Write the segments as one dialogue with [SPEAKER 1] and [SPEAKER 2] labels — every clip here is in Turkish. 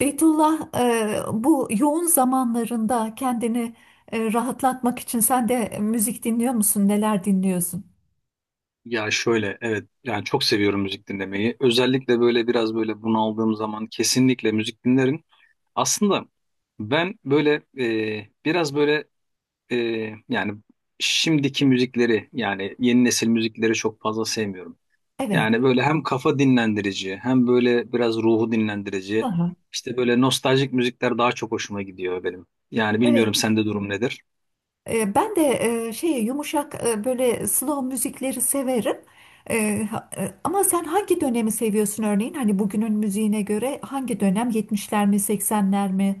[SPEAKER 1] Beytullah, bu yoğun zamanlarında kendini rahatlatmak için sen de müzik dinliyor musun? Neler dinliyorsun?
[SPEAKER 2] Ya şöyle, evet, yani çok seviyorum müzik dinlemeyi. Özellikle böyle biraz böyle bunaldığım zaman kesinlikle müzik dinlerim. Aslında ben böyle biraz böyle e, yani şimdiki müzikleri, yani yeni nesil müzikleri çok fazla sevmiyorum.
[SPEAKER 1] Evet.
[SPEAKER 2] Yani böyle hem kafa dinlendirici hem böyle biraz ruhu dinlendirici,
[SPEAKER 1] Aha.
[SPEAKER 2] işte böyle nostaljik müzikler daha çok hoşuma gidiyor benim. Yani
[SPEAKER 1] Evet.
[SPEAKER 2] bilmiyorum, sende durum nedir?
[SPEAKER 1] Ben de yumuşak böyle slow müzikleri severim. Ama sen hangi dönemi seviyorsun örneğin? Hani bugünün müziğine göre hangi dönem? 70'ler mi, Seksenler mi?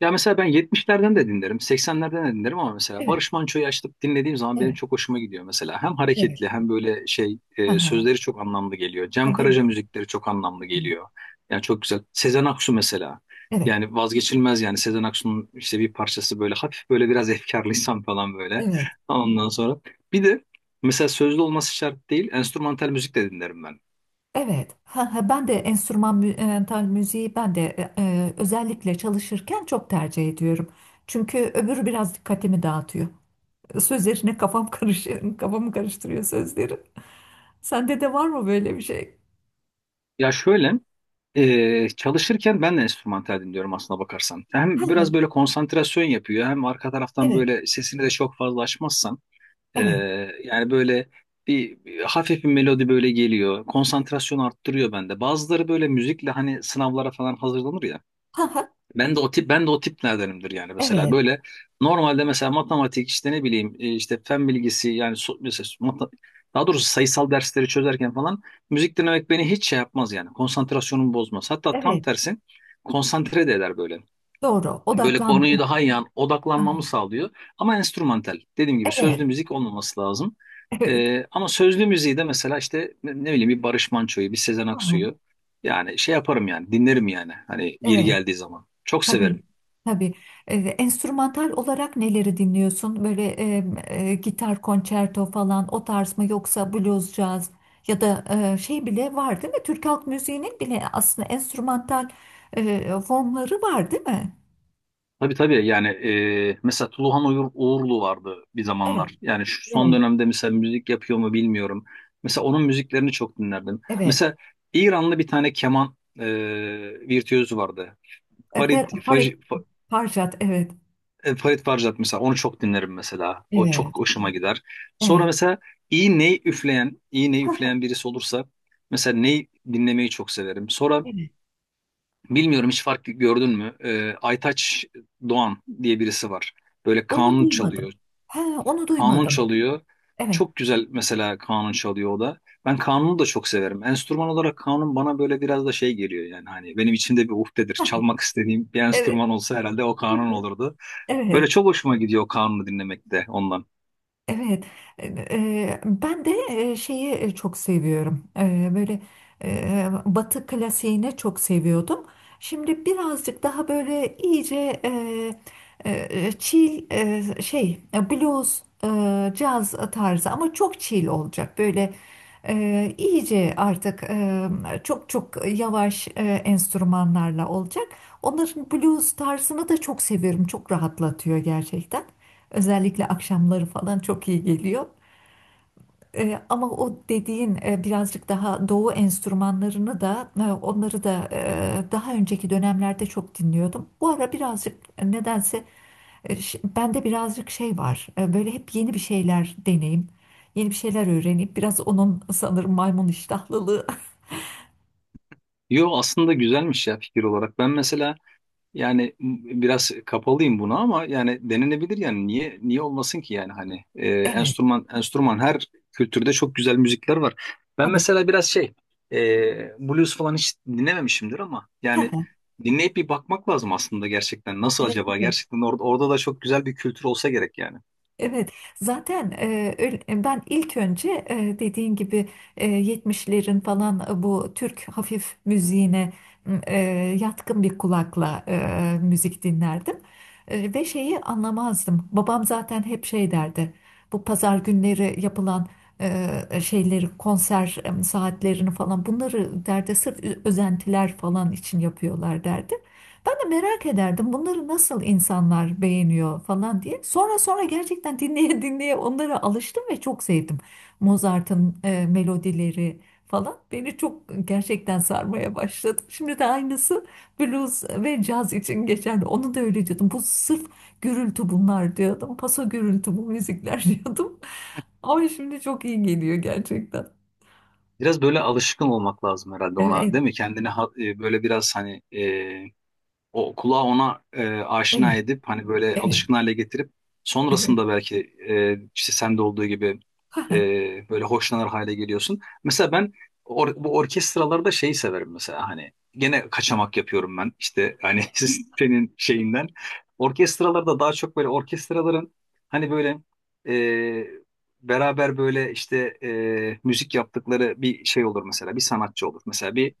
[SPEAKER 2] Ya mesela ben 70'lerden de dinlerim, 80'lerden de dinlerim ama mesela
[SPEAKER 1] Evet,
[SPEAKER 2] Barış Manço'yu açıp dinlediğim zaman benim
[SPEAKER 1] evet,
[SPEAKER 2] çok hoşuma gidiyor mesela. Hem
[SPEAKER 1] evet.
[SPEAKER 2] hareketli hem böyle şey,
[SPEAKER 1] Aha.
[SPEAKER 2] sözleri çok anlamlı geliyor. Cem
[SPEAKER 1] Tabii.
[SPEAKER 2] Karaca müzikleri çok anlamlı geliyor. Yani çok güzel. Sezen Aksu mesela.
[SPEAKER 1] Evet,
[SPEAKER 2] Yani vazgeçilmez, yani Sezen Aksu'nun işte bir parçası, böyle hafif, böyle biraz efkarlıysam falan böyle.
[SPEAKER 1] evet.
[SPEAKER 2] Ondan sonra bir de mesela sözlü olması şart değil, enstrümantal müzik de dinlerim ben.
[SPEAKER 1] Evet, ha, ha, ben de enstrümantal müziği ben de özellikle çalışırken çok tercih ediyorum. Çünkü öbürü biraz dikkatimi dağıtıyor. Sözlerine kafam karış, kafamı karıştırıyor sözleri. Sende de var mı böyle bir şey?
[SPEAKER 2] Ya şöyle, çalışırken ben de enstrümantal dinliyorum aslına bakarsan. Hem biraz
[SPEAKER 1] Evet,
[SPEAKER 2] böyle konsantrasyon yapıyor hem arka taraftan
[SPEAKER 1] evet,
[SPEAKER 2] böyle sesini de çok fazla açmazsan ee,
[SPEAKER 1] evet.
[SPEAKER 2] yani böyle bir hafif bir melodi böyle geliyor. Konsantrasyon arttırıyor bende. Bazıları böyle müzikle hani sınavlara falan hazırlanır ya.
[SPEAKER 1] Ha, ha,
[SPEAKER 2] Ben de o tiplerdenimdir, yani mesela
[SPEAKER 1] evet,
[SPEAKER 2] böyle normalde mesela matematik, işte ne bileyim, işte fen bilgisi, yani daha doğrusu sayısal dersleri çözerken falan müzik dinlemek beni hiç şey yapmaz, yani konsantrasyonumu bozmaz. Hatta tam
[SPEAKER 1] evet.
[SPEAKER 2] tersi, konsantre de eder böyle.
[SPEAKER 1] Doğru,
[SPEAKER 2] Böyle
[SPEAKER 1] odaklan. Ha,
[SPEAKER 2] konuyu daha iyi odaklanmamı
[SPEAKER 1] ha.
[SPEAKER 2] sağlıyor ama enstrümantal, dediğim gibi, sözlü
[SPEAKER 1] Evet,
[SPEAKER 2] müzik olmaması lazım.
[SPEAKER 1] evet.
[SPEAKER 2] Ama sözlü müziği de mesela işte ne bileyim, bir Barış Manço'yu, bir Sezen
[SPEAKER 1] Ha, ha,
[SPEAKER 2] Aksu'yu, yani şey yaparım, yani dinlerim, yani hani yeri
[SPEAKER 1] evet.
[SPEAKER 2] geldiği zaman. Çok
[SPEAKER 1] Tabii,
[SPEAKER 2] severim.
[SPEAKER 1] tabii. Enstrümantal olarak neleri dinliyorsun? Gitar konçerto falan o tarz mı, yoksa blues, caz, ya da bile var değil mi? Türk halk müziğinin bile aslında enstrümantal formları var değil mi?
[SPEAKER 2] Tabii tabii, yani mesela Tuluhan Uğurlu vardı bir
[SPEAKER 1] Evet,
[SPEAKER 2] zamanlar. Yani şu son
[SPEAKER 1] evet,
[SPEAKER 2] dönemde mesela müzik yapıyor mu bilmiyorum. Mesela onun müziklerini çok dinlerdim.
[SPEAKER 1] evet.
[SPEAKER 2] Mesela İranlı bir tane keman virtüözü vardı.
[SPEAKER 1] E, Fer,
[SPEAKER 2] Farid, Faj,
[SPEAKER 1] Farid
[SPEAKER 2] Fa-
[SPEAKER 1] Farjat, evet.
[SPEAKER 2] e, Farid Farjad mesela, onu çok dinlerim mesela. O çok
[SPEAKER 1] Evet.
[SPEAKER 2] hoşuma gider. Sonra
[SPEAKER 1] Evet.
[SPEAKER 2] mesela iyi ney üfleyen, iyi ney
[SPEAKER 1] Ha, ha,
[SPEAKER 2] üfleyen birisi olursa mesela, ney dinlemeyi çok severim. Sonra
[SPEAKER 1] evet.
[SPEAKER 2] bilmiyorum, hiç fark gördün mü? Aytaç Doğan diye birisi var. Böyle
[SPEAKER 1] Onu
[SPEAKER 2] kanun
[SPEAKER 1] duymadım.
[SPEAKER 2] çalıyor.
[SPEAKER 1] Ha, onu
[SPEAKER 2] Kanun
[SPEAKER 1] duymadım.
[SPEAKER 2] çalıyor.
[SPEAKER 1] Evet.
[SPEAKER 2] Çok güzel mesela, kanun çalıyor o da. Ben kanunu da çok severim. Enstrüman olarak kanun bana böyle biraz da şey geliyor, yani hani benim içimde bir uhdedir.
[SPEAKER 1] Ha,
[SPEAKER 2] Çalmak istediğim bir
[SPEAKER 1] evet.
[SPEAKER 2] enstrüman olsa herhalde o kanun olurdu. Böyle
[SPEAKER 1] Evet.
[SPEAKER 2] çok hoşuma gidiyor kanunu dinlemek de ondan.
[SPEAKER 1] Evet, ben de çok seviyorum. Böyle Batı klasiğini çok seviyordum. Şimdi birazcık daha böyle iyice e, chill, blues, caz tarzı ama çok chill olacak. Böyle iyice artık, çok çok yavaş enstrümanlarla olacak. Onların blues tarzını da çok seviyorum. Çok rahatlatıyor gerçekten. Özellikle akşamları falan çok iyi geliyor. Ama o dediğin birazcık daha doğu enstrümanlarını da, onları da daha önceki dönemlerde çok dinliyordum. Bu ara birazcık, nedense, bende birazcık şey var. Böyle hep yeni bir şeyler deneyim, yeni bir şeyler öğreneyim. Biraz onun sanırım maymun iştahlılığı.
[SPEAKER 2] Yo, aslında güzelmiş ya fikir olarak. Ben mesela yani biraz kapalıyım buna ama yani denenebilir, yani niye olmasın ki, yani hani
[SPEAKER 1] Evet,
[SPEAKER 2] enstrüman her kültürde çok güzel müzikler var. Ben
[SPEAKER 1] tabii.
[SPEAKER 2] mesela biraz şey, blues falan hiç dinlememişimdir ama yani dinleyip bir bakmak lazım aslında gerçekten, nasıl
[SPEAKER 1] Evet,
[SPEAKER 2] acaba
[SPEAKER 1] evet.
[SPEAKER 2] gerçekten orada da çok güzel bir kültür olsa gerek yani.
[SPEAKER 1] Evet, zaten, öyle- ben ilk önce, dediğin gibi, 70'lerin falan, bu Türk hafif müziğine m, e, yatkın bir kulakla müzik dinlerdim. Ve şeyi anlamazdım. Babam zaten hep şey derdi. Bu pazar günleri yapılan şeyleri, konser saatlerini falan bunları derdi, sırf özentiler falan için yapıyorlar derdi. Ben de merak ederdim bunları nasıl insanlar beğeniyor falan diye. Sonra sonra gerçekten dinleye dinleye onlara alıştım ve çok sevdim. Mozart'ın melodileri falan beni çok gerçekten sarmaya başladı. Şimdi de aynısı blues ve caz için geçerli. Onu da öyle diyordum. Bu sırf gürültü bunlar diyordum. Paso gürültü bu müzikler diyordum. Ama şimdi çok iyi geliyor gerçekten.
[SPEAKER 2] Biraz böyle alışkın olmak lazım herhalde ona,
[SPEAKER 1] Evet,
[SPEAKER 2] değil mi? Kendini böyle biraz hani o kulağı ona aşina
[SPEAKER 1] evet,
[SPEAKER 2] edip hani böyle
[SPEAKER 1] evet.
[SPEAKER 2] alışkın hale getirip
[SPEAKER 1] Evet.
[SPEAKER 2] sonrasında belki işte sende olduğu gibi
[SPEAKER 1] Ha ha.
[SPEAKER 2] e, böyle hoşlanır hale geliyorsun. Mesela ben bu orkestralarda şeyi severim mesela, hani gene kaçamak yapıyorum ben işte hani senin şeyinden. Orkestralarda daha çok böyle orkestraların hani böyle e, beraber böyle işte müzik yaptıkları bir şey olur mesela, bir sanatçı olur. Mesela bir,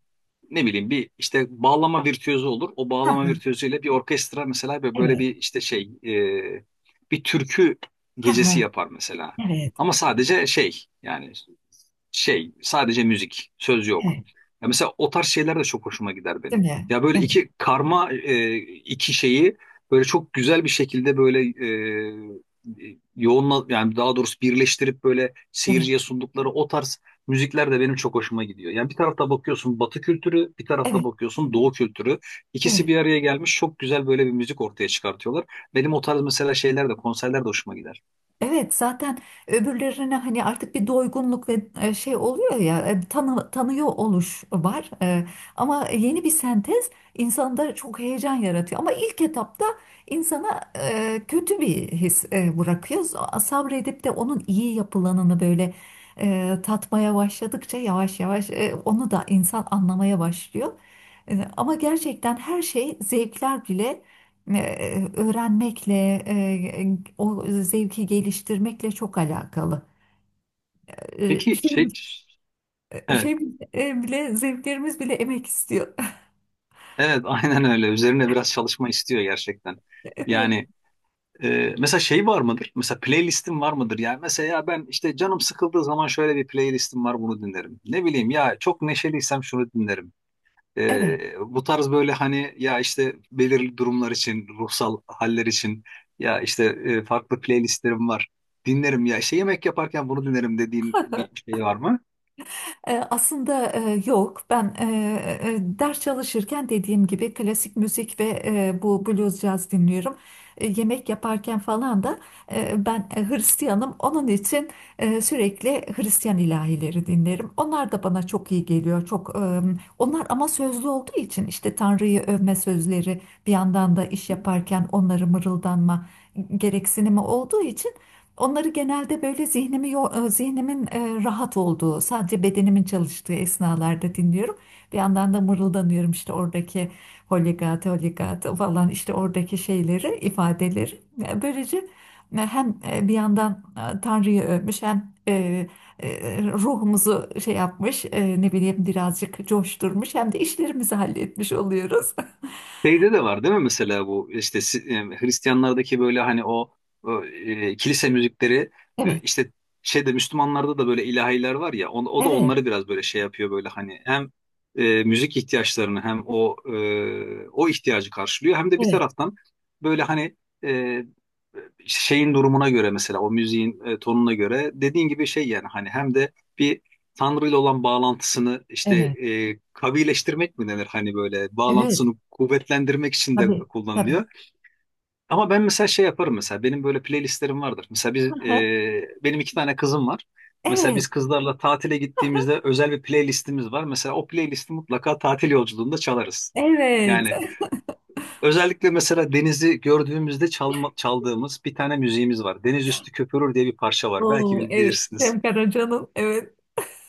[SPEAKER 2] ne bileyim, bir işte bağlama virtüözü olur. O
[SPEAKER 1] Ha
[SPEAKER 2] bağlama
[SPEAKER 1] ha,
[SPEAKER 2] virtüözüyle bir orkestra mesela ve böyle
[SPEAKER 1] evet.
[SPEAKER 2] bir işte şey, bir türkü
[SPEAKER 1] Ha
[SPEAKER 2] gecesi
[SPEAKER 1] ha,
[SPEAKER 2] yapar mesela.
[SPEAKER 1] evet,
[SPEAKER 2] Ama sadece şey yani, şey sadece müzik, söz yok.
[SPEAKER 1] evet.
[SPEAKER 2] Ya mesela o tarz şeyler de çok hoşuma gider
[SPEAKER 1] Değil
[SPEAKER 2] benim.
[SPEAKER 1] mi?
[SPEAKER 2] Ya böyle
[SPEAKER 1] Evet,
[SPEAKER 2] iki karma iki şeyi böyle çok güzel bir şekilde böyle e, e, yoğunla yani daha doğrusu birleştirip böyle
[SPEAKER 1] evet,
[SPEAKER 2] seyirciye sundukları o tarz müzikler de benim çok hoşuma gidiyor. Yani bir tarafta bakıyorsun Batı kültürü, bir tarafta
[SPEAKER 1] evet,
[SPEAKER 2] bakıyorsun Doğu kültürü. İkisi
[SPEAKER 1] evet.
[SPEAKER 2] bir araya gelmiş, çok güzel böyle bir müzik ortaya çıkartıyorlar. Benim o tarz mesela şeyler de, konserler de hoşuma gider.
[SPEAKER 1] Evet, zaten öbürlerine hani artık bir doygunluk ve şey oluyor ya, tanıyor oluş var. Ama yeni bir sentez insanda çok heyecan yaratıyor. Ama ilk etapta insana kötü bir his bırakıyor. Sabredip de onun iyi yapılanını böyle tatmaya başladıkça yavaş yavaş onu da insan anlamaya başlıyor. Ama gerçekten her şey, zevkler bile öğrenmekle, e, o zevki geliştirmekle çok alakalı. E,
[SPEAKER 2] Peki
[SPEAKER 1] Şey,
[SPEAKER 2] şey, evet,
[SPEAKER 1] Zevklerimiz bile emek istiyor.
[SPEAKER 2] evet, aynen öyle. Üzerine biraz çalışma istiyor gerçekten. Yani mesela şey var mıdır? Mesela playlistim var mıdır? Yani mesela, ya ben işte canım sıkıldığı zaman şöyle bir playlistim var, bunu dinlerim. Ne bileyim, ya çok neşeliysem şunu dinlerim.
[SPEAKER 1] Evet.
[SPEAKER 2] Bu tarz böyle hani, ya işte belirli durumlar için, ruhsal haller için, ya işte farklı playlistlerim var. Dinlerim, ya işte yemek yaparken bunu dinlerim dediğin bir şey var mı?
[SPEAKER 1] Aslında, yok. Ben, ders çalışırken dediğim gibi klasik müzik ve bu blues caz dinliyorum. Yemek yaparken falan da ben Hristiyanım. Onun için sürekli Hristiyan ilahileri dinlerim. Onlar da bana çok iyi geliyor. Çok, onlar ama sözlü olduğu için, işte Tanrı'yı övme sözleri bir yandan da iş yaparken onları mırıldanma gereksinimi olduğu için, onları genelde böyle zihnimin rahat olduğu, sadece bedenimin çalıştığı esnalarda dinliyorum. Bir yandan da mırıldanıyorum işte oradaki holigata holigata falan, işte oradaki şeyleri, ifadeleri. Böylece hem bir yandan Tanrı'yı övmüş, hem ruhumuzu şey yapmış, ne bileyim birazcık coşturmuş, hem de işlerimizi halletmiş oluyoruz.
[SPEAKER 2] Şeyde de var değil mi mesela, bu işte Hristiyanlardaki böyle hani o, kilise müzikleri,
[SPEAKER 1] Evet,
[SPEAKER 2] işte şeyde Müslümanlarda da böyle ilahiler var ya, o da
[SPEAKER 1] evet,
[SPEAKER 2] onları biraz böyle şey yapıyor böyle, hani hem müzik ihtiyaçlarını, hem o, o ihtiyacı karşılıyor hem de bir
[SPEAKER 1] evet,
[SPEAKER 2] taraftan böyle hani e, şeyin durumuna göre, mesela o müziğin tonuna göre, dediğin gibi şey yani, hani hem de bir Tanrı ile olan bağlantısını işte
[SPEAKER 1] evet,
[SPEAKER 2] kavileştirmek mi denir, hani böyle
[SPEAKER 1] evet.
[SPEAKER 2] bağlantısını kuvvetlendirmek için de
[SPEAKER 1] Tabii, tabii.
[SPEAKER 2] kullanılıyor. Ama ben mesela şey yaparım mesela, benim böyle playlistlerim vardır. Mesela biz,
[SPEAKER 1] Hı hı.
[SPEAKER 2] benim iki tane kızım var. Mesela
[SPEAKER 1] Evet.
[SPEAKER 2] biz kızlarla tatile gittiğimizde özel bir playlistimiz var. Mesela o playlisti mutlaka tatil yolculuğunda çalarız.
[SPEAKER 1] Evet.
[SPEAKER 2] Yani özellikle mesela denizi gördüğümüzde çaldığımız bir tane müziğimiz var. Deniz Üstü Köpürür diye bir parça var. Belki
[SPEAKER 1] Oo, evet.
[SPEAKER 2] bilirsiniz.
[SPEAKER 1] Cem Karaca'nın, evet.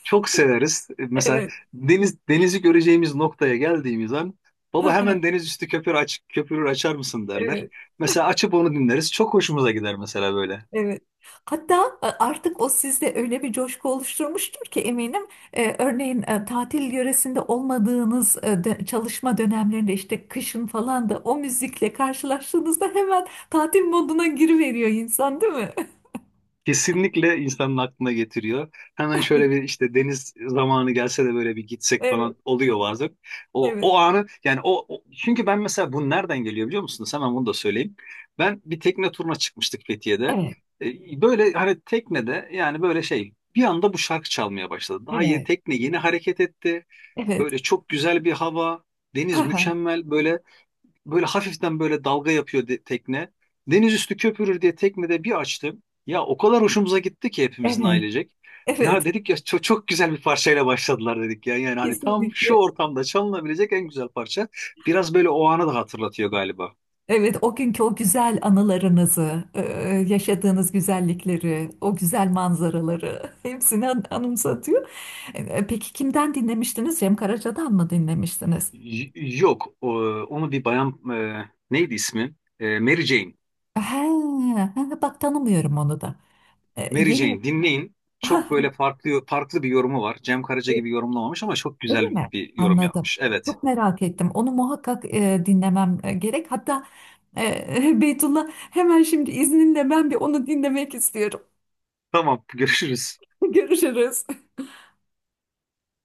[SPEAKER 2] Çok severiz. Mesela
[SPEAKER 1] Evet.
[SPEAKER 2] denizi göreceğimiz noktaya geldiğimiz an, baba hemen Deniz Üstü Köpürür açar mısın derler.
[SPEAKER 1] Evet.
[SPEAKER 2] Mesela açıp onu dinleriz. Çok hoşumuza gider mesela böyle.
[SPEAKER 1] Evet. Hatta artık o sizde öyle bir coşku oluşturmuştur ki eminim. Örneğin tatil yöresinde olmadığınız, çalışma dönemlerinde, işte kışın falan da o müzikle karşılaştığınızda hemen tatil moduna giriveriyor insan, değil mi?
[SPEAKER 2] Kesinlikle insanın aklına getiriyor. Hemen şöyle bir işte, deniz zamanı gelse de böyle bir gitsek
[SPEAKER 1] Evet.
[SPEAKER 2] falan oluyor bazen.
[SPEAKER 1] Evet.
[SPEAKER 2] O anı yani, çünkü ben mesela bu nereden geliyor biliyor musunuz? Hemen bunu da söyleyeyim. Ben bir tekne turuna çıkmıştık Fethiye'de.
[SPEAKER 1] Evet.
[SPEAKER 2] Böyle hani teknede yani böyle şey, bir anda bu şarkı çalmaya başladı. Daha yeni
[SPEAKER 1] Evet.
[SPEAKER 2] tekne yeni hareket etti.
[SPEAKER 1] Evet.
[SPEAKER 2] Böyle çok güzel bir hava. Deniz mükemmel böyle. Böyle hafiften böyle dalga yapıyor tekne. Deniz Üstü Köpürür diye teknede bir açtım. Ya o kadar hoşumuza gitti ki, hepimizin
[SPEAKER 1] Evet.
[SPEAKER 2] ailecek. Ya
[SPEAKER 1] Evet.
[SPEAKER 2] dedik ya, çok, çok güzel bir parçayla başladılar dedik ya. Yani hani tam şu
[SPEAKER 1] Kesinlikle.
[SPEAKER 2] ortamda çalınabilecek en güzel parça. Biraz böyle o anı da hatırlatıyor galiba.
[SPEAKER 1] Evet, o günkü o güzel anılarınızı, yaşadığınız güzellikleri, o güzel manzaraları anımsatıyor. Peki kimden dinlemiştiniz? Cem Karaca'dan mı dinlemiştiniz?
[SPEAKER 2] Yok, onu bir bayan, neydi ismi? Mary Jane.
[SPEAKER 1] He, he, bak tanımıyorum onu da.
[SPEAKER 2] Mary
[SPEAKER 1] Yeni,
[SPEAKER 2] Jane dinleyin.
[SPEAKER 1] ha,
[SPEAKER 2] Çok böyle farklı bir yorumu var. Cem Karaca
[SPEAKER 1] e,
[SPEAKER 2] gibi yorumlamamış ama çok
[SPEAKER 1] öyle
[SPEAKER 2] güzel
[SPEAKER 1] mi?
[SPEAKER 2] bir yorum
[SPEAKER 1] Anladım.
[SPEAKER 2] yapmış. Evet.
[SPEAKER 1] Çok merak ettim. Onu muhakkak dinlemem gerek. Hatta Beytullah, hemen şimdi izninle ben bir onu dinlemek istiyorum.
[SPEAKER 2] Tamam, görüşürüz.
[SPEAKER 1] Görüşürüz.